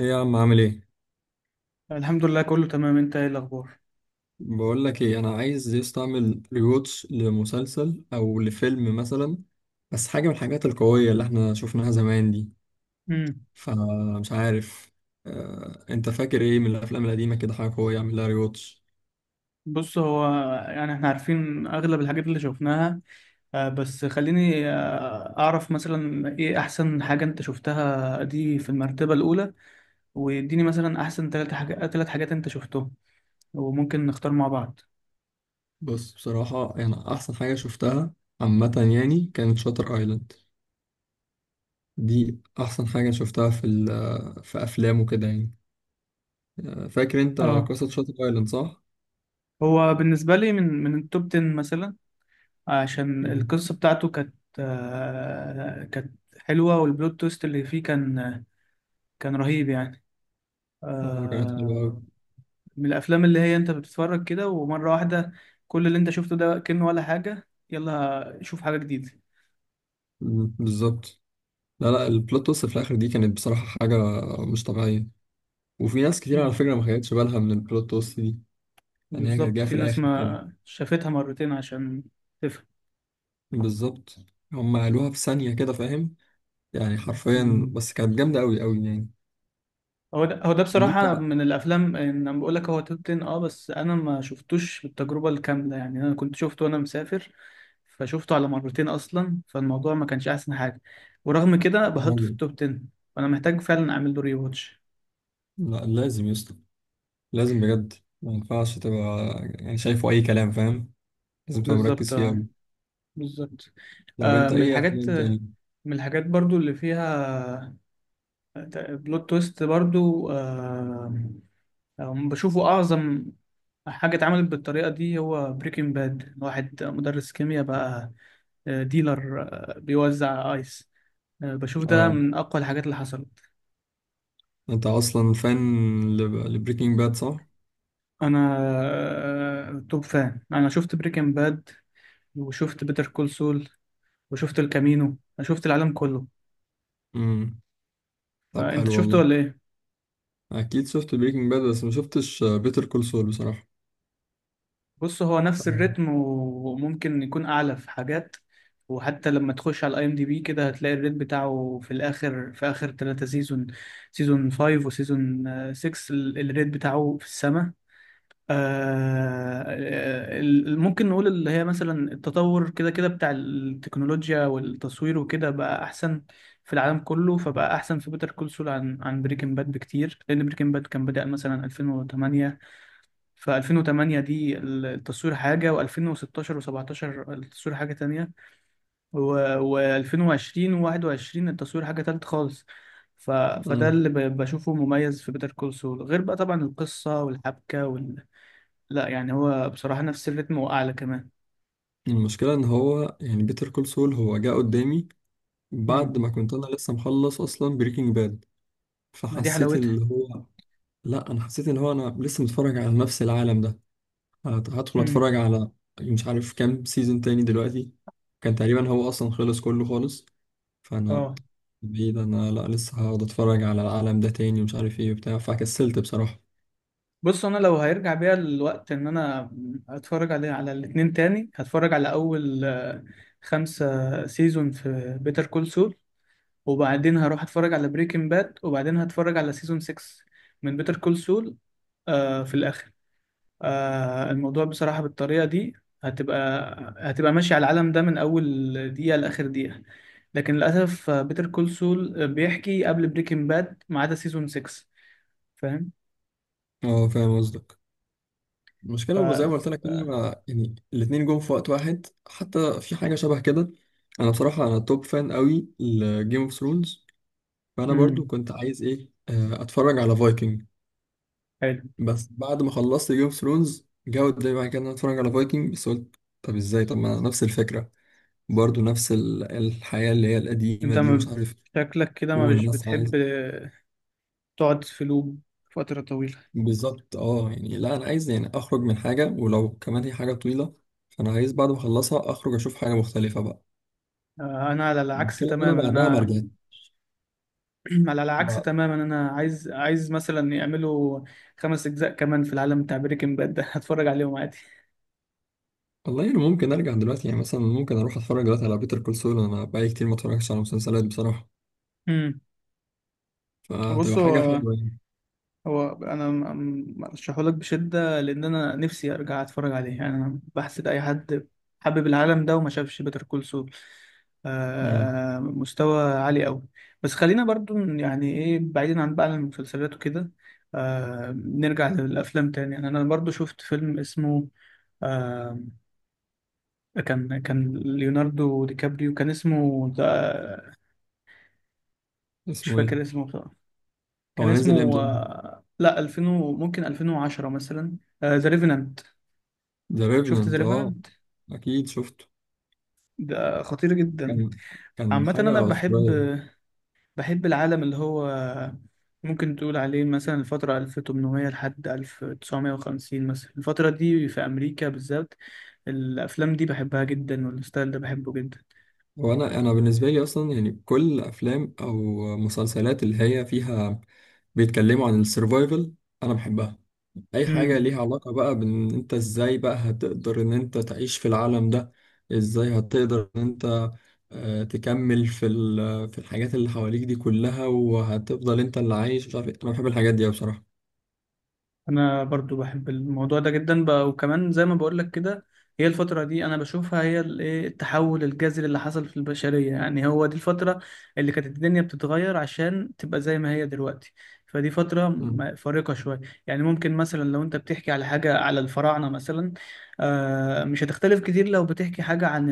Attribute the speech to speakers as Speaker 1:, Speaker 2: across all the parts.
Speaker 1: ايه يا عم، عامل ايه؟
Speaker 2: الحمد لله، كله تمام. انت ايه الاخبار؟
Speaker 1: بقول لك ايه، انا عايز يستعمل ريوتش لمسلسل او لفيلم مثلا، بس حاجه من الحاجات القويه اللي احنا شفناها زمان دي.
Speaker 2: امم
Speaker 1: فمش عارف. انت فاكر ايه من الافلام القديمه كده، حاجه قويه اعمل لها ريوتش؟
Speaker 2: بص، هو يعني احنا عارفين اغلب الحاجات اللي شفناها. بس خليني اعرف مثلا ايه احسن حاجة انت شفتها، دي في المرتبة الاولى. واديني مثلا احسن ثلاث حاجات انت شفتهم وممكن نختار مع بعض.
Speaker 1: بص، بصراحه انا احسن حاجه شفتها عامه، يعني كانت شاتر ايلاند. دي احسن حاجه شفتها في افلام وكده يعني. فاكر انت
Speaker 2: اه،
Speaker 1: قصه شاتر ايلاند، صح؟
Speaker 2: هو بالنسبة لي من التوب 10 مثلا، عشان
Speaker 1: مم.
Speaker 2: القصة بتاعته كانت حلوة، والبلوت تويست اللي فيه كان رهيب يعني.
Speaker 1: اه، كانت حلوه
Speaker 2: آه،
Speaker 1: أوي.
Speaker 2: من الافلام اللي هي انت بتتفرج كده، ومره واحده كل اللي انت شفته ده كأنه ولا حاجه، يلا شوف حاجه جديده.
Speaker 1: مم، بالظبط. لا لا، البلوت توست في الاخر دي كانت بصراحه حاجه مش طبيعيه. وفي ناس كتير على
Speaker 2: مم.
Speaker 1: فكره ما خدتش بالها من البلوت توست دي. يعني هي كانت
Speaker 2: بالظبط،
Speaker 1: جايه
Speaker 2: في
Speaker 1: في
Speaker 2: ناس
Speaker 1: الاخر كده.
Speaker 2: ما شافتها مرتين عشان تفهم.
Speaker 1: بالظبط. هم قالوها في ثانيه كده، فاهم؟ يعني حرفيا،
Speaker 2: مم.
Speaker 1: بس كانت جامده قوي قوي يعني.
Speaker 2: هو ده
Speaker 1: إن انت
Speaker 2: بصراحه من الافلام. ان انا بقول لك هو توب 10، اه، بس انا ما شفتوش بالتجربه الكامله، يعني انا كنت شفته وانا مسافر، فشفته على مرتين اصلا، فالموضوع ما كانش احسن حاجه، ورغم كده بحطه في
Speaker 1: راجل.
Speaker 2: التوب 10. فانا محتاج فعلا اعمل له ري واتش.
Speaker 1: لا، لازم يسطا، لازم بجد. ما ينفعش تبقى يعني شايفه اي كلام، فاهم؟ لازم تبقى
Speaker 2: بالظبط،
Speaker 1: مركز فيها
Speaker 2: اه،
Speaker 1: قوي.
Speaker 2: بالظبط.
Speaker 1: طب انت
Speaker 2: من
Speaker 1: ايه
Speaker 2: الحاجات،
Speaker 1: افلام تاني؟
Speaker 2: من الحاجات برضو اللي فيها بلوت تويست برضو. بشوفه أعظم حاجة اتعملت بالطريقة دي هو بريكنج باد، واحد مدرس كيمياء بقى، ديلر، بيوزع آيس. بشوف ده
Speaker 1: اه،
Speaker 2: من أقوى الحاجات اللي حصلت.
Speaker 1: انت اصلا فان لبريكنج باد، صح؟
Speaker 2: أنا توب فان. أنا شفت بريكنج باد، وشفت بيتر كول سول، وشفت الكامينو. أنا شفت العالم كله.
Speaker 1: امم. طب
Speaker 2: فأنت
Speaker 1: حلو
Speaker 2: شفته
Speaker 1: والله.
Speaker 2: ولا إيه؟
Speaker 1: اكيد شفت بريكنج باد، بس ما شفتش بيتر كول سول بصراحه.
Speaker 2: بص، هو نفس
Speaker 1: تمام.
Speaker 2: الريتم، وممكن يكون اعلى في حاجات. وحتى لما تخش على الاي ام دي بي كده، هتلاقي الريت بتاعه في الاخر، في اخر ثلاثة سيزون، سيزون 5 وسيزون 6 الريت بتاعه في السماء. ممكن نقول اللي هي مثلا التطور كده كده بتاع التكنولوجيا والتصوير وكده بقى احسن في العالم كله، فبقى احسن في بيتر كول سول عن بريكنج باد بكتير، لان بريكنج باد كان بدأ مثلا 2008، في 2008 دي التصوير حاجة، و2016 و17 التصوير حاجة تانية، و2020 و21 التصوير حاجة تالت خالص. فده
Speaker 1: مم.
Speaker 2: اللي بشوفه مميز في بيتر كول سول، غير بقى طبعا القصة والحبكة. لا يعني هو بصراحة نفس الريتم وأعلى كمان.
Speaker 1: المشكله ان هو يعني بيتر كول سول هو جه قدامي بعد
Speaker 2: امم
Speaker 1: ما كنت انا لسه مخلص اصلا بريكنج باد.
Speaker 2: ما دي
Speaker 1: فحسيت
Speaker 2: حلاوتها.
Speaker 1: اللي هو، لا، انا حسيت ان هو انا لسه متفرج على نفس العالم ده. هدخل اتفرج
Speaker 2: امم
Speaker 1: على مش عارف كام سيزون تاني دلوقتي. كان تقريبا هو اصلا خلص كله خالص. فانا
Speaker 2: اه،
Speaker 1: بعيد، انا لا لسه هقعد اتفرج على العالم ده تاني ومش عارف ايه وبتاع، فكسلت بصراحه.
Speaker 2: بص انا لو هيرجع بيا الوقت، ان انا اتفرج على الاتنين تاني، هتفرج على اول خمسة سيزون في بيتر كول سول، وبعدين هروح اتفرج على بريكنج باد، وبعدين هتفرج على سيزون 6 من بيتر كول سول في الاخر. الموضوع بصراحة بالطريقة دي هتبقى هتبقى ماشي على العالم ده من اول دقيقة لاخر دقيقة، لكن للاسف بيتر كول سول بيحكي قبل بريكنج باد ما عدا سيزون 6. فاهم.
Speaker 1: اه، فاهم قصدك.
Speaker 2: ف
Speaker 1: المشكلة هو زي ما قلت لك
Speaker 2: ف
Speaker 1: كده. يعني الاتنين جم في وقت واحد، حتى في حاجة شبه كده. أنا بصراحة أنا توب فان قوي لجيم اوف ثرونز. فأنا برضو
Speaker 2: امم
Speaker 1: كنت عايز إيه، أتفرج على فايكنج.
Speaker 2: حلو.
Speaker 1: بس بعد ما خلصت جيم اوف ثرونز جه قدامي بعد كده إن أنا أتفرج على فايكنج، بس قلت طب إزاي، طب ما نفس الفكرة، برضو نفس الحياة اللي هي القديمة
Speaker 2: انت
Speaker 1: دي، ومش
Speaker 2: ما
Speaker 1: عارف.
Speaker 2: شكلك كده ما مش
Speaker 1: والناس
Speaker 2: بتحب
Speaker 1: عايز.
Speaker 2: تقعد في لوب فترة طويلة.
Speaker 1: بالظبط اه، يعني لا، أنا عايز يعني أخرج من حاجة ولو كمان هي حاجة طويلة. فأنا عايز بعد ما أخلصها أخرج أشوف حاجة مختلفة بقى.
Speaker 2: آه انا على العكس
Speaker 1: المشكلة إن أنا
Speaker 2: تماما
Speaker 1: بعدها ما
Speaker 2: انا
Speaker 1: رجعت.
Speaker 2: على العكس
Speaker 1: بعد-
Speaker 2: تماما، انا عايز مثلا يعملوا خمس اجزاء كمان في العالم بتاع بريكنج باد ده هتفرج عليهم عادي.
Speaker 1: والله أنا ممكن أرجع دلوقتي، يعني مثلا ممكن أروح أتفرج دلوقتي على بيتر كول سول. أنا بقالي كتير ما اتفرجتش على مسلسلات بصراحة،
Speaker 2: امم بص،
Speaker 1: فهتبقى حاجة
Speaker 2: هو
Speaker 1: حلوة يعني.
Speaker 2: هو انا ارشحه لك بشده، لان انا نفسي ارجع اتفرج عليه. يعني انا بحسد اي حد حابب العالم ده وما شافش بيتر كول سول.
Speaker 1: امم.
Speaker 2: مستوى عالي قوي. بس خلينا برضو يعني ايه بعيدا عن بقى المسلسلات وكده، نرجع للافلام تاني. يعني انا برضو شفت فيلم اسمه آه، كان ليوناردو دي كابريو، كان اسمه ده. مش
Speaker 1: اسمه إيه؟
Speaker 2: فاكر اسمه بصراحة. كان
Speaker 1: هو نازل
Speaker 2: اسمه
Speaker 1: إمتى؟
Speaker 2: لا 2000 ممكن 2010 مثلا. ذا ريفنانت.
Speaker 1: ذا
Speaker 2: شفت ذا
Speaker 1: ريفننت، أه.
Speaker 2: ريفنانت؟
Speaker 1: أكيد شفته.
Speaker 2: ده خطير جدا.
Speaker 1: كان كان
Speaker 2: عامة انا
Speaker 1: حاجة
Speaker 2: بحب
Speaker 1: أسطورية.
Speaker 2: بحب العالم اللي هو ممكن تقول عليه مثلا الفترة 1800 لحد 1950، مثلا الفترة دي في أمريكا بالذات الأفلام دي بحبها جدا، والستايل ده بحبه جدا.
Speaker 1: هو أنا بالنسبة لي أصلا يعني كل أفلام أو مسلسلات اللي هي فيها بيتكلموا عن السرفايفل أنا بحبها. اي حاجة
Speaker 2: مم.
Speaker 1: ليها علاقة بقى بان انت ازاي بقى هتقدر ان انت تعيش في العالم ده، ازاي هتقدر ان انت تكمل في الحاجات اللي حواليك دي كلها وهتفضل انت اللي عايش مش عارف إيه. انا بحب الحاجات دي أوي بصراحة.
Speaker 2: انا برضو بحب الموضوع ده جدا بقى، وكمان زي ما بقول لك كده، هي الفترة دي انا بشوفها هي ال- إيه التحول الجذري اللي حصل في البشرية، يعني هو دي الفترة اللي كانت الدنيا بتتغير عشان تبقى زي ما هي دلوقتي. فدي فترة
Speaker 1: مم.
Speaker 2: فارقة شوية. يعني ممكن مثلا لو انت بتحكي على حاجة على الفراعنة مثلا، مش هتختلف كتير لو بتحكي حاجة عن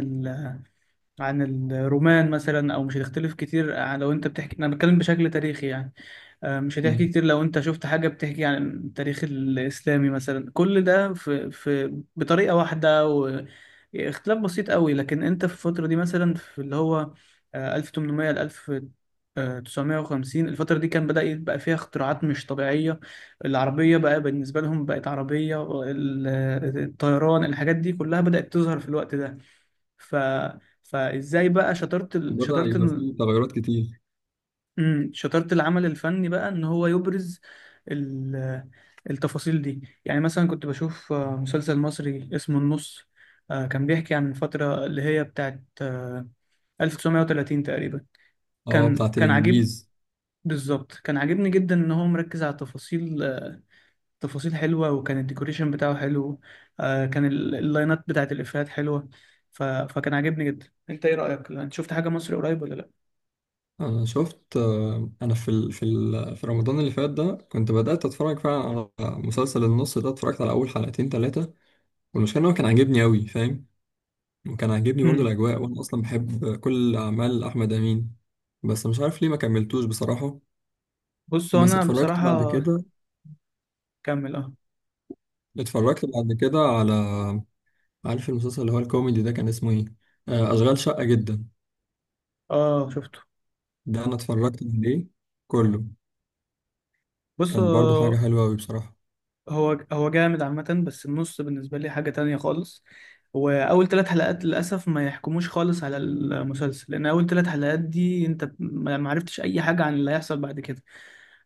Speaker 2: عن الرومان مثلا، او مش هتختلف كتير لو انت بتحكي، انا بتكلم بشكل تاريخي يعني. مش هتحكي
Speaker 1: مم.
Speaker 2: كتير لو انت شفت حاجة بتحكي عن التاريخ الاسلامي مثلا، كل ده في بطريقة واحدة واختلاف بسيط قوي. لكن انت في الفترة دي مثلا، في اللي هو 1800 ل 1950، الفترة دي كان بدأ يبقى فيها اختراعات مش طبيعية. العربية بقى بالنسبة لهم بقت عربية الطيران، الحاجات دي كلها بدأت تظهر في الوقت ده. ف... فازاي بقى
Speaker 1: بدأ يبقى فيه تغيرات كتير.
Speaker 2: شطارة العمل الفني بقى ان هو يبرز ال... التفاصيل دي. يعني مثلا كنت بشوف مسلسل مصري اسمه النص. كان بيحكي عن الفترة اللي هي بتاعت 1930 تقريبا.
Speaker 1: اه،
Speaker 2: كان
Speaker 1: بتاعت
Speaker 2: كان عجيب.
Speaker 1: الانجليز.
Speaker 2: بالظبط، كان عاجبني جدا ان هو مركز على تفاصيل حلوة، وكان الديكوريشن بتاعه حلو. كان اللاينات بتاعت الإفيهات حلوة. فكان عاجبني جدا. انت ايه رأيك، انت شفت حاجة مصري قريب ولا؟
Speaker 1: انا شفت، انا في رمضان اللي فات ده كنت بدأت اتفرج فعلا على مسلسل النص ده. اتفرجت على اول حلقتين ثلاثة، والمشكلة ان هو كان عاجبني أوي، فاهم؟ كان عاجبني برضو
Speaker 2: امم
Speaker 1: الأجواء، وأنا أصلا بحب كل أعمال أحمد أمين. بس مش عارف ليه ما كملتوش بصراحة.
Speaker 2: بص، هو
Speaker 1: بس
Speaker 2: انا
Speaker 1: اتفرجت بعد
Speaker 2: بصراحه.
Speaker 1: كده
Speaker 2: كمل، اه.
Speaker 1: اتفرجت بعد كده على، عارف المسلسل اللي هو الكوميدي ده كان اسمه إيه؟ أشغال شقة جدا.
Speaker 2: اه، شفته.
Speaker 1: ده أنا اتفرجت عليه كله،
Speaker 2: بص،
Speaker 1: كان برضو حاجة
Speaker 2: هو
Speaker 1: حلوة أوي بصراحة.
Speaker 2: هو هو جامد عامه، بس النص بالنسبه لي حاجه تانية خالص. واول ثلاث حلقات للاسف ما يحكموش خالص على المسلسل، لان اول ثلاث حلقات دي انت ما عرفتش اي حاجه عن اللي هيحصل بعد كده.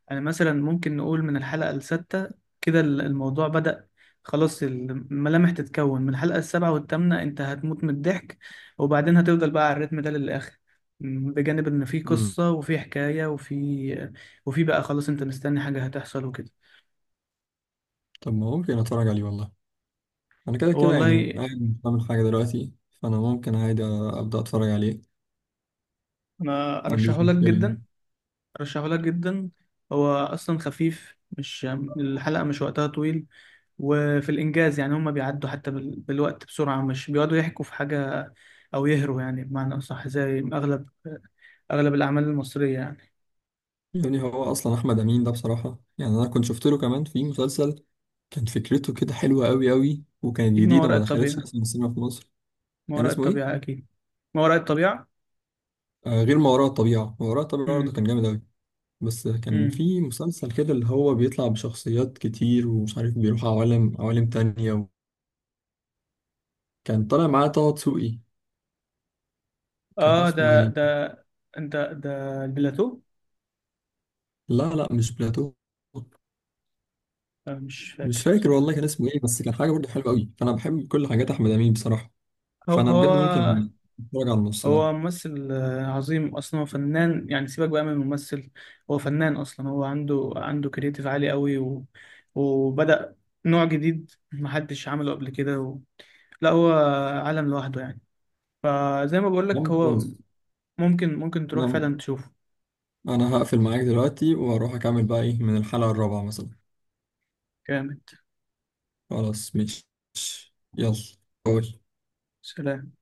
Speaker 2: يعني مثلا ممكن نقول من الحلقة السادسة كده الموضوع بدأ، خلاص الملامح تتكون من الحلقة السابعة والثامنة، انت هتموت من الضحك، وبعدين هتفضل بقى على الريتم ده للآخر. بجانب ان في
Speaker 1: مم.
Speaker 2: قصة وفي حكاية وفي بقى خلاص انت مستني حاجة هتحصل وكده.
Speaker 1: طب ما ممكن أتفرج عليه والله. أنا كده كده يعني
Speaker 2: والله،
Speaker 1: قاعد مش بعمل حاجة دلوقتي، فأنا ممكن عادي أبدأ أتفرج عليه،
Speaker 2: انا
Speaker 1: ما
Speaker 2: ارشحه
Speaker 1: عنديش
Speaker 2: لك
Speaker 1: مشكلة يعني.
Speaker 2: جدا. أرشحهولك جدا. هو أصلا خفيف، مش الحلقة مش وقتها طويل. وفي الإنجاز يعني هما بيعدوا حتى بالوقت بسرعة، مش بيقعدوا يحكوا في حاجة أو يهروا، يعني بمعنى أصح زي أغلب الأعمال المصرية يعني.
Speaker 1: يعني هو أصلا أحمد أمين ده بصراحة، يعني أنا كنت شفت له كمان في مسلسل كان فكرته كده حلوة أوي أوي، وكانت
Speaker 2: أكيد ما
Speaker 1: جديدة
Speaker 2: وراء
Speaker 1: ما دخلتش
Speaker 2: الطبيعة.
Speaker 1: أصلا السينما في مصر.
Speaker 2: ما
Speaker 1: كان
Speaker 2: وراء
Speaker 1: اسمه
Speaker 2: الطبيعة
Speaker 1: إيه؟
Speaker 2: أكيد. ما وراء الطبيعة.
Speaker 1: آه، غير ما وراء الطبيعة. ما وراء الطبيعة برضه
Speaker 2: امم
Speaker 1: كان جامد أوي، بس كان
Speaker 2: امم
Speaker 1: في مسلسل كده اللي هو بيطلع بشخصيات كتير، ومش عارف بيروح عوالم عوالم تانية و... كان طالع معاه طه دسوقي. كان
Speaker 2: آه،
Speaker 1: اسمه
Speaker 2: ده
Speaker 1: إيه؟
Speaker 2: ده أنت ده البلاتو.
Speaker 1: لا لا، مش بلاتو.
Speaker 2: مش
Speaker 1: مش
Speaker 2: فاكر
Speaker 1: فاكر
Speaker 2: بصراحة.
Speaker 1: والله كان اسمه إيه، بس كان حاجة برضه حلوة أوي، فأنا بحب كل حاجات أحمد أمين بصراحة.
Speaker 2: هو
Speaker 1: فأنا بجد
Speaker 2: هو
Speaker 1: ممكن أتفرج على النص ده.
Speaker 2: هو ممثل عظيم، اصلا هو فنان، يعني سيبك بقى من الممثل. هو فنان اصلا، هو عنده كرياتيف عالي قوي وبدأ نوع جديد محدش عمله قبل كده لا هو عالم لوحده يعني. فزي ما بقولك،
Speaker 1: جامد
Speaker 2: هو
Speaker 1: خلاص.
Speaker 2: ممكن تروح فعلا تشوفه.
Speaker 1: انا هقفل معاك دلوقتي واروح اكمل بقى ايه من الحلقة الرابعة مثلا.
Speaker 2: جامد.
Speaker 1: خلاص مش. يلا. باي.
Speaker 2: سلام.